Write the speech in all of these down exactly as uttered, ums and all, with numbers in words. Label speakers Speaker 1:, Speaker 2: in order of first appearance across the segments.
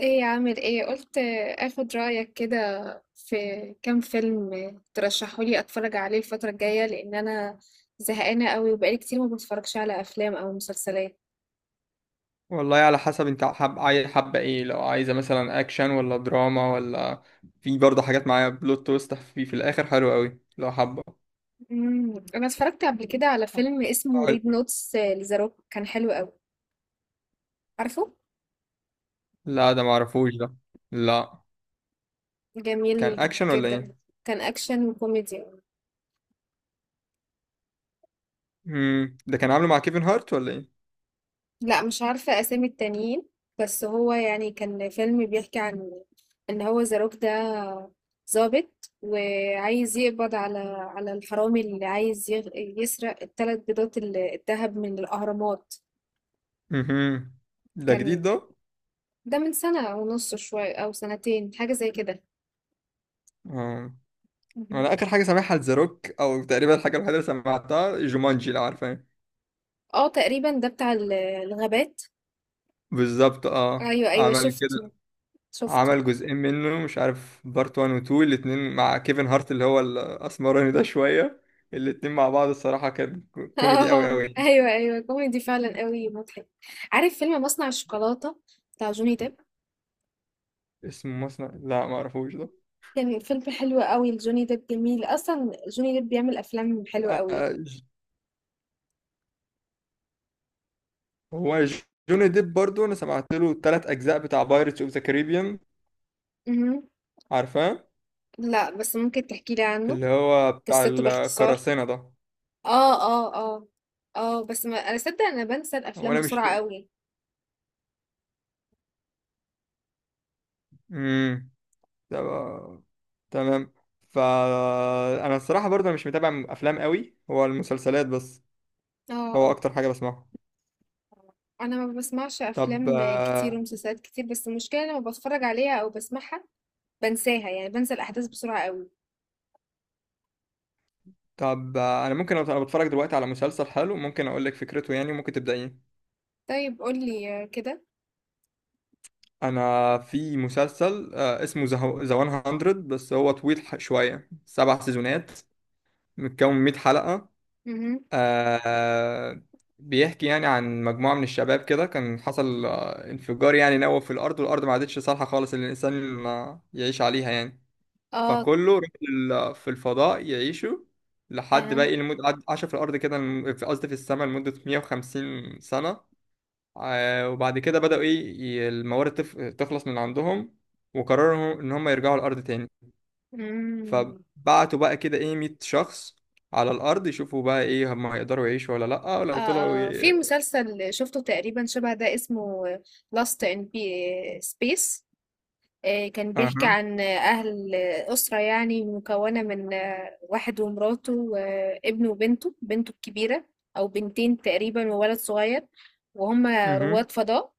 Speaker 1: ايه، عامل ايه؟ قلت اخد رأيك كده في كام فيلم ترشحولي اتفرج عليه الفترة الجاية، لان انا زهقانة قوي وبقالي كتير ما بتفرجش على افلام او مسلسلات.
Speaker 2: والله، على حسب انت، حب عايز حابة ايه؟ لو عايزة مثلا اكشن ولا دراما ولا. في برضه حاجات معايا بلوت تويست في في الاخر حلو قوي لو حابة.
Speaker 1: مم، انا اتفرجت قبل كده على فيلم اسمه
Speaker 2: أقول-
Speaker 1: ريد نوتس، لذا روك، كان حلو قوي. عارفه؟
Speaker 2: لا، ده معرفوش ده. لا. كان
Speaker 1: جميل
Speaker 2: اكشن ولا
Speaker 1: جدا.
Speaker 2: ايه؟
Speaker 1: كان اكشن وكوميدي.
Speaker 2: امم ده كان عامله مع كيفن هارت ولا ايه؟
Speaker 1: لا، مش عارفة أسامي التانيين، بس هو يعني كان فيلم بيحكي عن إن هو زاروك ده ظابط وعايز يقبض على على الحرامي اللي عايز يغ- يسرق الثلاث بيضات ال- الذهب من الأهرامات.
Speaker 2: امم ده
Speaker 1: كان
Speaker 2: جديد ده؟
Speaker 1: ده من سنة ونص شوية أو سنتين، حاجة زي كده.
Speaker 2: اه، انا
Speaker 1: مهم.
Speaker 2: اخر حاجة سامعها ذا روك، او تقريبا الحاجة الوحيدة اللي سمعتها جومانجي، لو عارفة.
Speaker 1: اه، تقريبا ده بتاع ال- الغابات.
Speaker 2: بالظبط، اه،
Speaker 1: أيوة، أيوة،
Speaker 2: عمل
Speaker 1: شفته،
Speaker 2: كده.
Speaker 1: شفته.
Speaker 2: عمل جزئين منه، مش عارف، بارت واحد و اتنين، الاتنين مع كيفن هارت اللي هو الاسمراني ده شوية. الاتنين مع بعض الصراحة كان كوميدي قوي
Speaker 1: اه،
Speaker 2: قوي يعني.
Speaker 1: أيوة، أيوة، كوميدي فعلا، قوي مضحك. عارف فيلم مصنع الشوكولاتة بتاع جوني ديب؟
Speaker 2: اسمه مصنع؟ لا، ما اعرفوش ده.
Speaker 1: كان فيلم حلو أوي لجوني ديب، جميل، أصلًا جوني ديب بيعمل أفلام حلوة أوي.
Speaker 2: آه، ج- هو جوني ديب برضو انا سمعت له التلات اجزاء بتاع بايرتس اوف ذا كاريبيان.
Speaker 1: اهم.
Speaker 2: عارفاه؟
Speaker 1: لأ، بس ممكن تحكي لي عنه؟
Speaker 2: اللي هو بتاع
Speaker 1: قصته باختصار؟
Speaker 2: القراصنة ده.
Speaker 1: آه، آه، آه، آه، بس ما أنا صدق، أنا بانسى
Speaker 2: هو
Speaker 1: الأفلام
Speaker 2: انا مش...
Speaker 1: بسرعة أوي.
Speaker 2: امم ده بقى- تمام. فانا الصراحة برضو أنا مش متابع افلام قوي، هو المسلسلات بس
Speaker 1: آه،
Speaker 2: هو
Speaker 1: آه،
Speaker 2: اكتر حاجة بسمعها.
Speaker 1: أنا ما باسمعش
Speaker 2: طب،
Speaker 1: أفلام كتير
Speaker 2: آه،
Speaker 1: ومسلسلات كتير، بس المشكلة لمّا باتفرج عليها أو باسمعها بانساها، يعني بانسى الأحداث بسرعة أوي.
Speaker 2: طب، آه، انا ممكن أبقى- أنا بتفرج دلوقتي على مسلسل حلو، ممكن اقول لك فكرته يعني ممكن تبدأيه.
Speaker 1: طيب قُل لي كده.
Speaker 2: انا في مسلسل، آه، اسمه ذا مية، بس هو طويل ح- شوية، سبع سيزونات، متكون من مية حلقة.
Speaker 1: اهم.
Speaker 2: آه، بيحكي يعني عن مجموعة من الشباب كده، كان حصل آه، انفجار يعني نووي في الارض، والارض ما عادتش صالحة خالص ان الانسان آه، يعيش عليها يعني.
Speaker 1: آه.
Speaker 2: فكله راح لل- في الفضاء يعيشوا. لحد
Speaker 1: أها.
Speaker 2: بقى، لمدة قعد- عاشوا في الأرض كده الم- في- قصدي في السماء لمدة ميه وخمسين سنة. آه، وبعد كده بدأوا إيه، ي- الموارد تف- تخلص من عندهم، وقرروا إن هم يرجعوا الأرض تاني.
Speaker 1: إمم.
Speaker 2: فبعتوا بقى كده إيه مية شخص على الأرض يشوفوا بقى إيه، هم هيقدروا يعيشوا ولا لأ،
Speaker 1: آه،
Speaker 2: ولو طلعوا
Speaker 1: آه، في
Speaker 2: ي...
Speaker 1: مسلسل شفته تقريبا شبه ده، اسمه Lost in P- Space. آه، كان بيحكي
Speaker 2: أها،
Speaker 1: عن أهل أسرة، يعني مكونة من آه، واحد ومراته وابنه وبنته، بنته الكبيرة أو بنتين تقريبا، وولد صغير، وهم
Speaker 2: أها،
Speaker 1: رواد فضاء،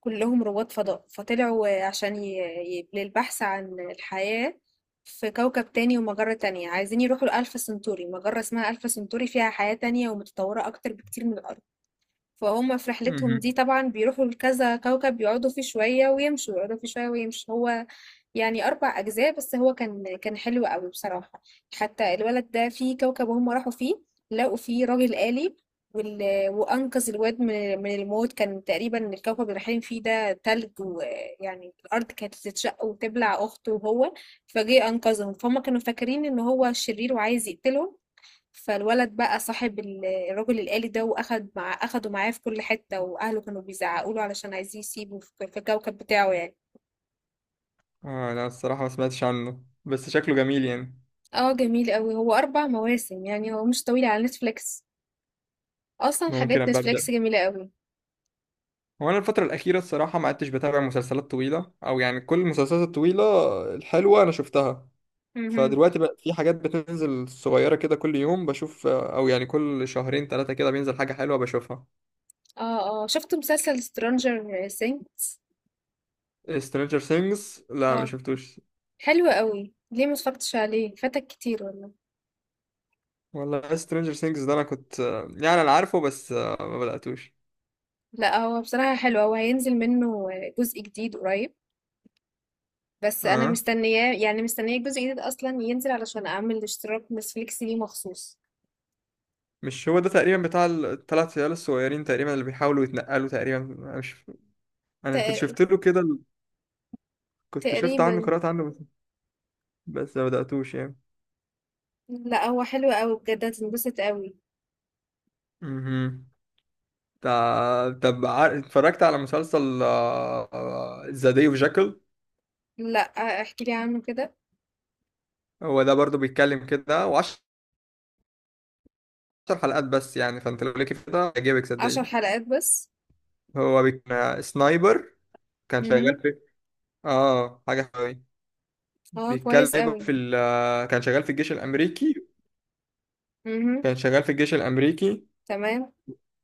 Speaker 1: كلهم رواد فضاء. فطلعوا آه، عشان ي- ي- للبحث عن الحياة في كوكب تاني ومجرة تانية. عايزين يروحوا لألفا سنتوري، مجرة اسمها ألفا سنتوري فيها حياة تانية ومتطورة أكتر بكتير من الأرض. فهم في رحلتهم
Speaker 2: أها.
Speaker 1: دي طبعا بيروحوا لكذا كوكب، يقعدوا فيه شوية ويمشوا، يقعدوا فيه شوية ويمشوا. هو يعني أربع أجزاء، بس هو كان كان حلو قوي بصراحة. حتى الولد ده في كوكب هم راحوا فيه لقوا فيه راجل آلي، وال... وأنقذ الواد من... من الموت. كان تقريبا الكوكب اللي رايحين فيه ده تلج، ويعني الأرض كانت تتشق وتبلع أخته، وهو فجه أنقذهم. فهم كانوا فاكرين إن هو شرير وعايز يقتلهم. فالولد بقى صاحب ال- الراجل الآلي ده، واخد مع اخده معاه في كل حتة، واهله كانوا بيزعقوا له علشان عايزين يسيبه في في الكوكب بتاعه يعني.
Speaker 2: آه، أنا الصراحة ما سمعتش عنه بس شكله جميل يعني.
Speaker 1: اه جميل قوي، هو اربع مواسم يعني، هو مش طويل على نتفليكس. اصلا
Speaker 2: ممكن
Speaker 1: حاجات
Speaker 2: أبقى
Speaker 1: نتفليكس
Speaker 2: أبدأ.
Speaker 1: جميلة قوي.
Speaker 2: هو انا الفترة الأخيرة الصراحة ما عدتش بتابع مسلسلات طويلة، أو يعني كل المسلسلات الطويلة الحلوة أنا شفتها.
Speaker 1: مهم.
Speaker 2: فدلوقتي بقى في حاجات بتنزل صغيرة كده كل يوم بشوف، أو يعني كل شهرين ثلاثة كده بينزل حاجة حلوة بشوفها.
Speaker 1: اه، اه، شفت مسلسل سترانجر سينكس؟
Speaker 2: Stranger Things لا، ما
Speaker 1: اه،
Speaker 2: شفتوش.
Speaker 1: حلو قوي، ليه ما اتفرجتش عليه؟ فاتك كتير والله.
Speaker 2: والله Stranger Things ده أنا كنت، يعني أنا عارفه بس ما بدأتوش.
Speaker 1: لا، هو بصراحة حلو. هو هينزل منه جزء جديد قريب، بس انا
Speaker 2: أه،
Speaker 1: مستنياه يعني، مستنيه الجزء الجديد اصلا ينزل علشان اعمل اشتراك نتفليكس ليه مخصوص.
Speaker 2: مش هو ده تقريبا بتاع الثلاث عيال الصغيرين تقريبا اللي بيحاولوا يتنقلوا تقريبا؟ أنا مش أنا كنت
Speaker 1: تق-
Speaker 2: شفت له كده، كنت شفت عنه،
Speaker 1: تقريبا.
Speaker 2: قرأت عنه بس، بس ما بدأتوش يعني.
Speaker 1: لا، هو حلو قوي بجد، هتنبسط قوي.
Speaker 2: مهم. تع- طب، عار- اتفرجت على مسلسل، آه، ذا داي اوف جاكل.
Speaker 1: لا، احكي لي عنه كده.
Speaker 2: هو ده برضو بيتكلم كده، وعشر حلقات بس يعني، فانت لو ليك كده هيعجبك
Speaker 1: عشر
Speaker 2: صدقني.
Speaker 1: حلقات بس؟
Speaker 2: هو بيك... آه، سنايبر، كان شغال
Speaker 1: امم.
Speaker 2: في... اه حاجة حلوة.
Speaker 1: اه، كويس
Speaker 2: بيتكلم
Speaker 1: قوي.
Speaker 2: في ال... آه، كان شغال في الجيش الأمريكي.
Speaker 1: امم،
Speaker 2: كان شغال في الجيش الأمريكي
Speaker 1: تمام،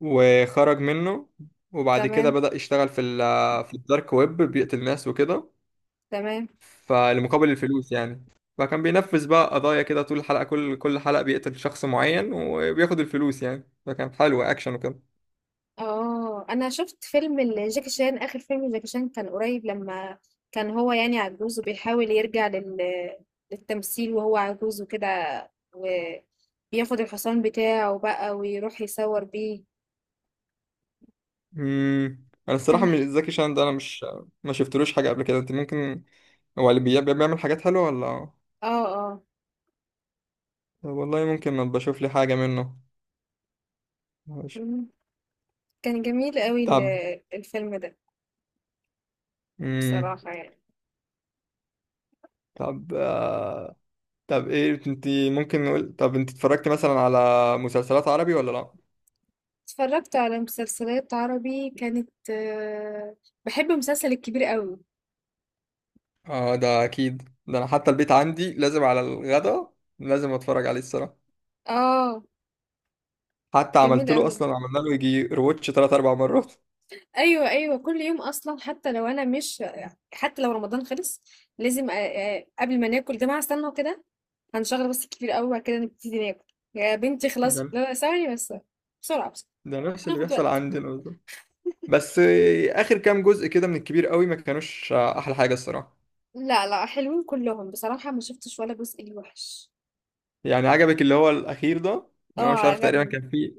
Speaker 2: وخرج منه، وبعد كده
Speaker 1: تمام،
Speaker 2: بدأ يشتغل في ال... آه، في الدارك ويب بيقتل ناس وكده.
Speaker 1: تمام.
Speaker 2: فالمقابل الفلوس يعني. فكان بينفذ بقى قضايا كده طول الحلقة، كل كل حلقة بيقتل شخص معين وبياخد الفلوس يعني، فكان حلو، أكشن وكده.
Speaker 1: آه، أنا شُفت فيلم لجاكي شان، آخر فيلم لجاكي شان كان قريب، لمّا كان هو يعني عجوز وبيحاول يرجع لل للتمثيل وهو عجوز وكده، وبياخد الحصان بتاعه بقى ويروح يصوّر بيه.
Speaker 2: امم أنا الصراحة
Speaker 1: كان ح
Speaker 2: من زكي شان ده أنا مش، ما شفتلوش حاجة قبل كده. أنت ممكن، هو اللي بي- بيعمل حاجات حلوة ولا؟
Speaker 1: آه، آه،
Speaker 2: والله ممكن ما بشوف لي حاجة منه. ماشي.
Speaker 1: إمم، كان جميل أوي ال
Speaker 2: طب،
Speaker 1: الفيلم ده
Speaker 2: امم
Speaker 1: بصراحة يعني.
Speaker 2: طب، آه... طب ايه انت، ممكن نقول، طب انت اتفرجت مثلا على مسلسلات عربي ولا لا؟
Speaker 1: اتفرّجت على مسلسلات عربي، كانت باحب مسلسل الكبير أوي.
Speaker 2: اه ده اكيد ده، انا حتى البيت عندي لازم على الغدا لازم اتفرج عليه الصراحه.
Speaker 1: آه،
Speaker 2: حتى
Speaker 1: جميل
Speaker 2: عملت له،
Speaker 1: أوي.
Speaker 2: اصلا عملنا له يجي روتش ثلاث اربع مرات.
Speaker 1: ايوه، ايوه، كل يوم اصلا، حتى لو انا مش، حتى لو رمضان خلص لازم أ- أ- قبل ما ناكل جماعه استنوا كده، هنشغل بس الكبير قوي وبعد كده نبتدي ناكل. يا بنتي
Speaker 2: ده
Speaker 1: خلاص، لا، لا، ثواني بس، بسرعه بس،
Speaker 2: ده نفس اللي
Speaker 1: هناخد
Speaker 2: بيحصل
Speaker 1: وقت.
Speaker 2: عندنا بالظبط. بس آه، اخر كام جزء كده من الكبير قوي ما كانوش آه، احلى حاجه الصراحه.
Speaker 1: لا، لا، حلوين كلهم بصراحه، ما شفتش ولا جزء ليه وحش.
Speaker 2: يعني عجبك اللي هو الاخير ده؟ اللي هو،
Speaker 1: اه،
Speaker 2: مش عارف، تقريبا
Speaker 1: عجبني.
Speaker 2: كان فيه.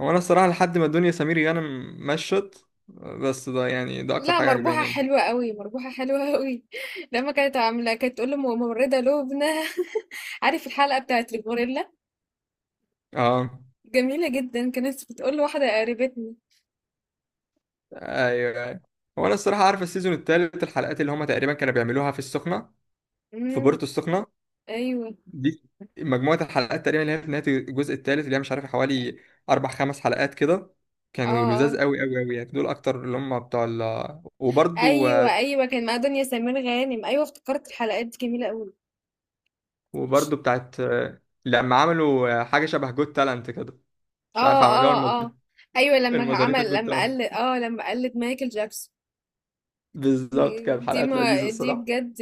Speaker 2: هو انا الصراحه لحد ما الدنيا سمير غانم مشت، بس ده يعني ده اكتر
Speaker 1: لا،
Speaker 2: حاجه
Speaker 1: مربوحه
Speaker 2: عجباني يعني.
Speaker 1: حلوه قوي، مربوحه حلوه قوي. لما كانت عامله، كانت تقول له ممرضه لبنى. عارف الحلقه بتاعت الغوريلا؟
Speaker 2: اه،
Speaker 1: جميله جدا، كانت بتقول لواحده قريبتنا.
Speaker 2: ايوه، ايوه. هو انا الصراحه عارف السيزون الثالث، الحلقات اللي هما تقريبا كانوا بيعملوها في السخنه، في
Speaker 1: امم.
Speaker 2: بورتو السخنة
Speaker 1: ايوه.
Speaker 2: دي، مجموعة الحلقات تقريبا اللي هي في نهاية الجزء الثالث اللي هي، مش عارف، حوالي أربع خمس حلقات كده،
Speaker 1: اه،
Speaker 2: كانوا لذاذ
Speaker 1: اه.
Speaker 2: قوي قوي قوي يعني. دول أكتر اللي هم بتوع ال... وبرضو.
Speaker 1: ايوه، ايوه، كان مع دنيا سمير غانم، ايوه افتكرت، الحلقات دي جميله قوي.
Speaker 2: وبرضو بتاعت لما عملوا حاجة شبه جود تالنت كده، مش
Speaker 1: اه،
Speaker 2: عارف عملوها،
Speaker 1: اه،
Speaker 2: المز-
Speaker 1: اه. ايوه، لما
Speaker 2: المزاريطة
Speaker 1: عمل
Speaker 2: جود
Speaker 1: لما
Speaker 2: تالنت.
Speaker 1: قلد اه لما قلد مايكل جاكسون.
Speaker 2: بالظبط، كانت
Speaker 1: دي
Speaker 2: حلقات لذيذة
Speaker 1: ما دي
Speaker 2: الصراحة.
Speaker 1: بجد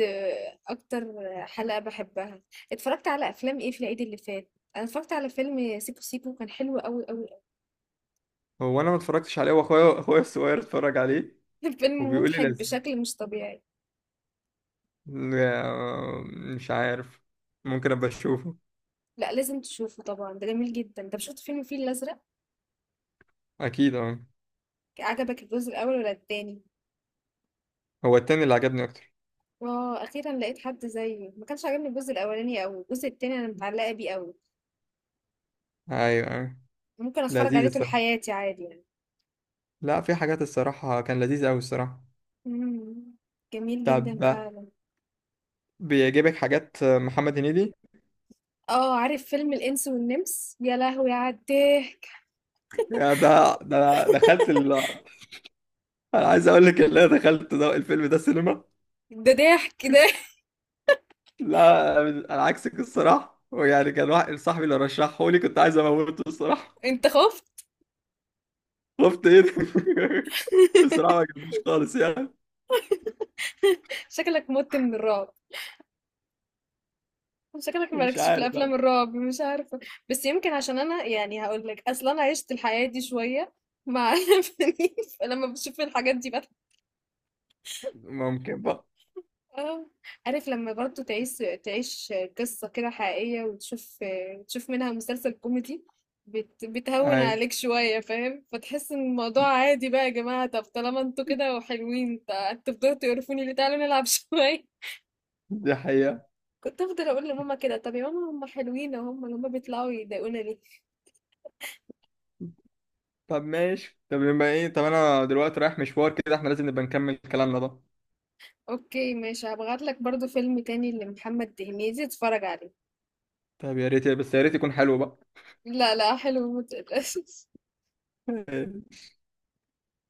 Speaker 1: اكتر حلقه بحبها. اتفرجت على افلام ايه في العيد اللي فات؟ انا اتفرجت على فيلم سيكو سيكو، كان حلو قوي قوي
Speaker 2: هو أنا ما اتفرجتش عليه، وأخويا أخويا الصغير اتفرج عليه،
Speaker 1: قوي. فيلم
Speaker 2: وبيقول لي
Speaker 1: مضحك
Speaker 2: لازم،
Speaker 1: بشكل مش طبيعي.
Speaker 2: آه، مش عارف، ممكن أبقى أشوفه.
Speaker 1: لا، لازم تشوفه طبعا، ده جميل جدا. انت شفت فيلم الفيل الازرق؟
Speaker 2: أكيد، أه.
Speaker 1: عجبك الجزء الاول ولا التاني؟
Speaker 2: هو التاني اللي عجبني أكتر.
Speaker 1: آه، أخيرا لقيت حد زيي، ما كانش عاجبني الجزء الأولاني أوي، الجزء التاني أنا متعلقة بيه أوي.
Speaker 2: ايوه، ايوه،
Speaker 1: ممكن أتفرج
Speaker 2: لذيذ
Speaker 1: عليه طول
Speaker 2: الصراحه.
Speaker 1: حياتي عادي يعني.
Speaker 2: لا، في حاجات الصراحه كان لذيذ قوي الصراحه.
Speaker 1: مم. جميل جدا
Speaker 2: طب،
Speaker 1: فعلا.
Speaker 2: بيعجبك حاجات محمد هنيدي؟
Speaker 1: اه، عارف فيلم الإنس والنمس؟ يا لهوي على الضحك.
Speaker 2: يا ده ده أنا دخلت ال... انا عايز اقول لك ان انا دخلت ده، الفيلم ده السينما.
Speaker 1: ده ضحك ده.
Speaker 2: كنت لا، انا عكسك الصراحه، ويعني كان واحد صاحبي اللي رشحه لي كنت عايز اموته الصراحه.
Speaker 1: انت خفت؟
Speaker 2: خفت ايه ده؟ الصراحه ما عجبنيش خالص يعني.
Speaker 1: شكلك مت من الرعب، شكلك
Speaker 2: مش
Speaker 1: مالكش في
Speaker 2: عارف بقى.
Speaker 1: الافلام الرعب، مش عارفه. بس يمكن عشان انا يعني هقول لك اصلا، انا عشت الحياه دي شويه مع فنيف، فلما بشوف الحاجات دي.
Speaker 2: ممكن بقى.
Speaker 1: اه، عارف لما برضو تعيش، تعيش قصة كده حقيقية، وتشوف، تشوف منها مسلسل كوميدي، بت... بتهون
Speaker 2: اي.
Speaker 1: عليك شوية، فاهم؟ فتحس ان الموضوع عادي بقى يا جماعة، طب طالما انتوا كده وحلوين تع- تفضلوا تقرفوني ليه؟ تعالوا نلعب شوية.
Speaker 2: دي حقيقه.
Speaker 1: كنت افضل اقول لماما كده، طب يا ماما هم حلوين اهو، هم هم بيطلعوا يضايقونا ليه؟
Speaker 2: طب ماشي، طب يبقى ايه، طب انا دلوقتي رايح مشوار كده، احنا لازم نبقى نكمل كلامنا ده.
Speaker 1: اوكي ماشي، هبعت لك برضو فيلم تاني لمحمد هنيدي، اتفرج عليه.
Speaker 2: طب يا ريت، بس يا ريت يكون حلو
Speaker 1: لا، لا، حلو متقلقش.
Speaker 2: بقى.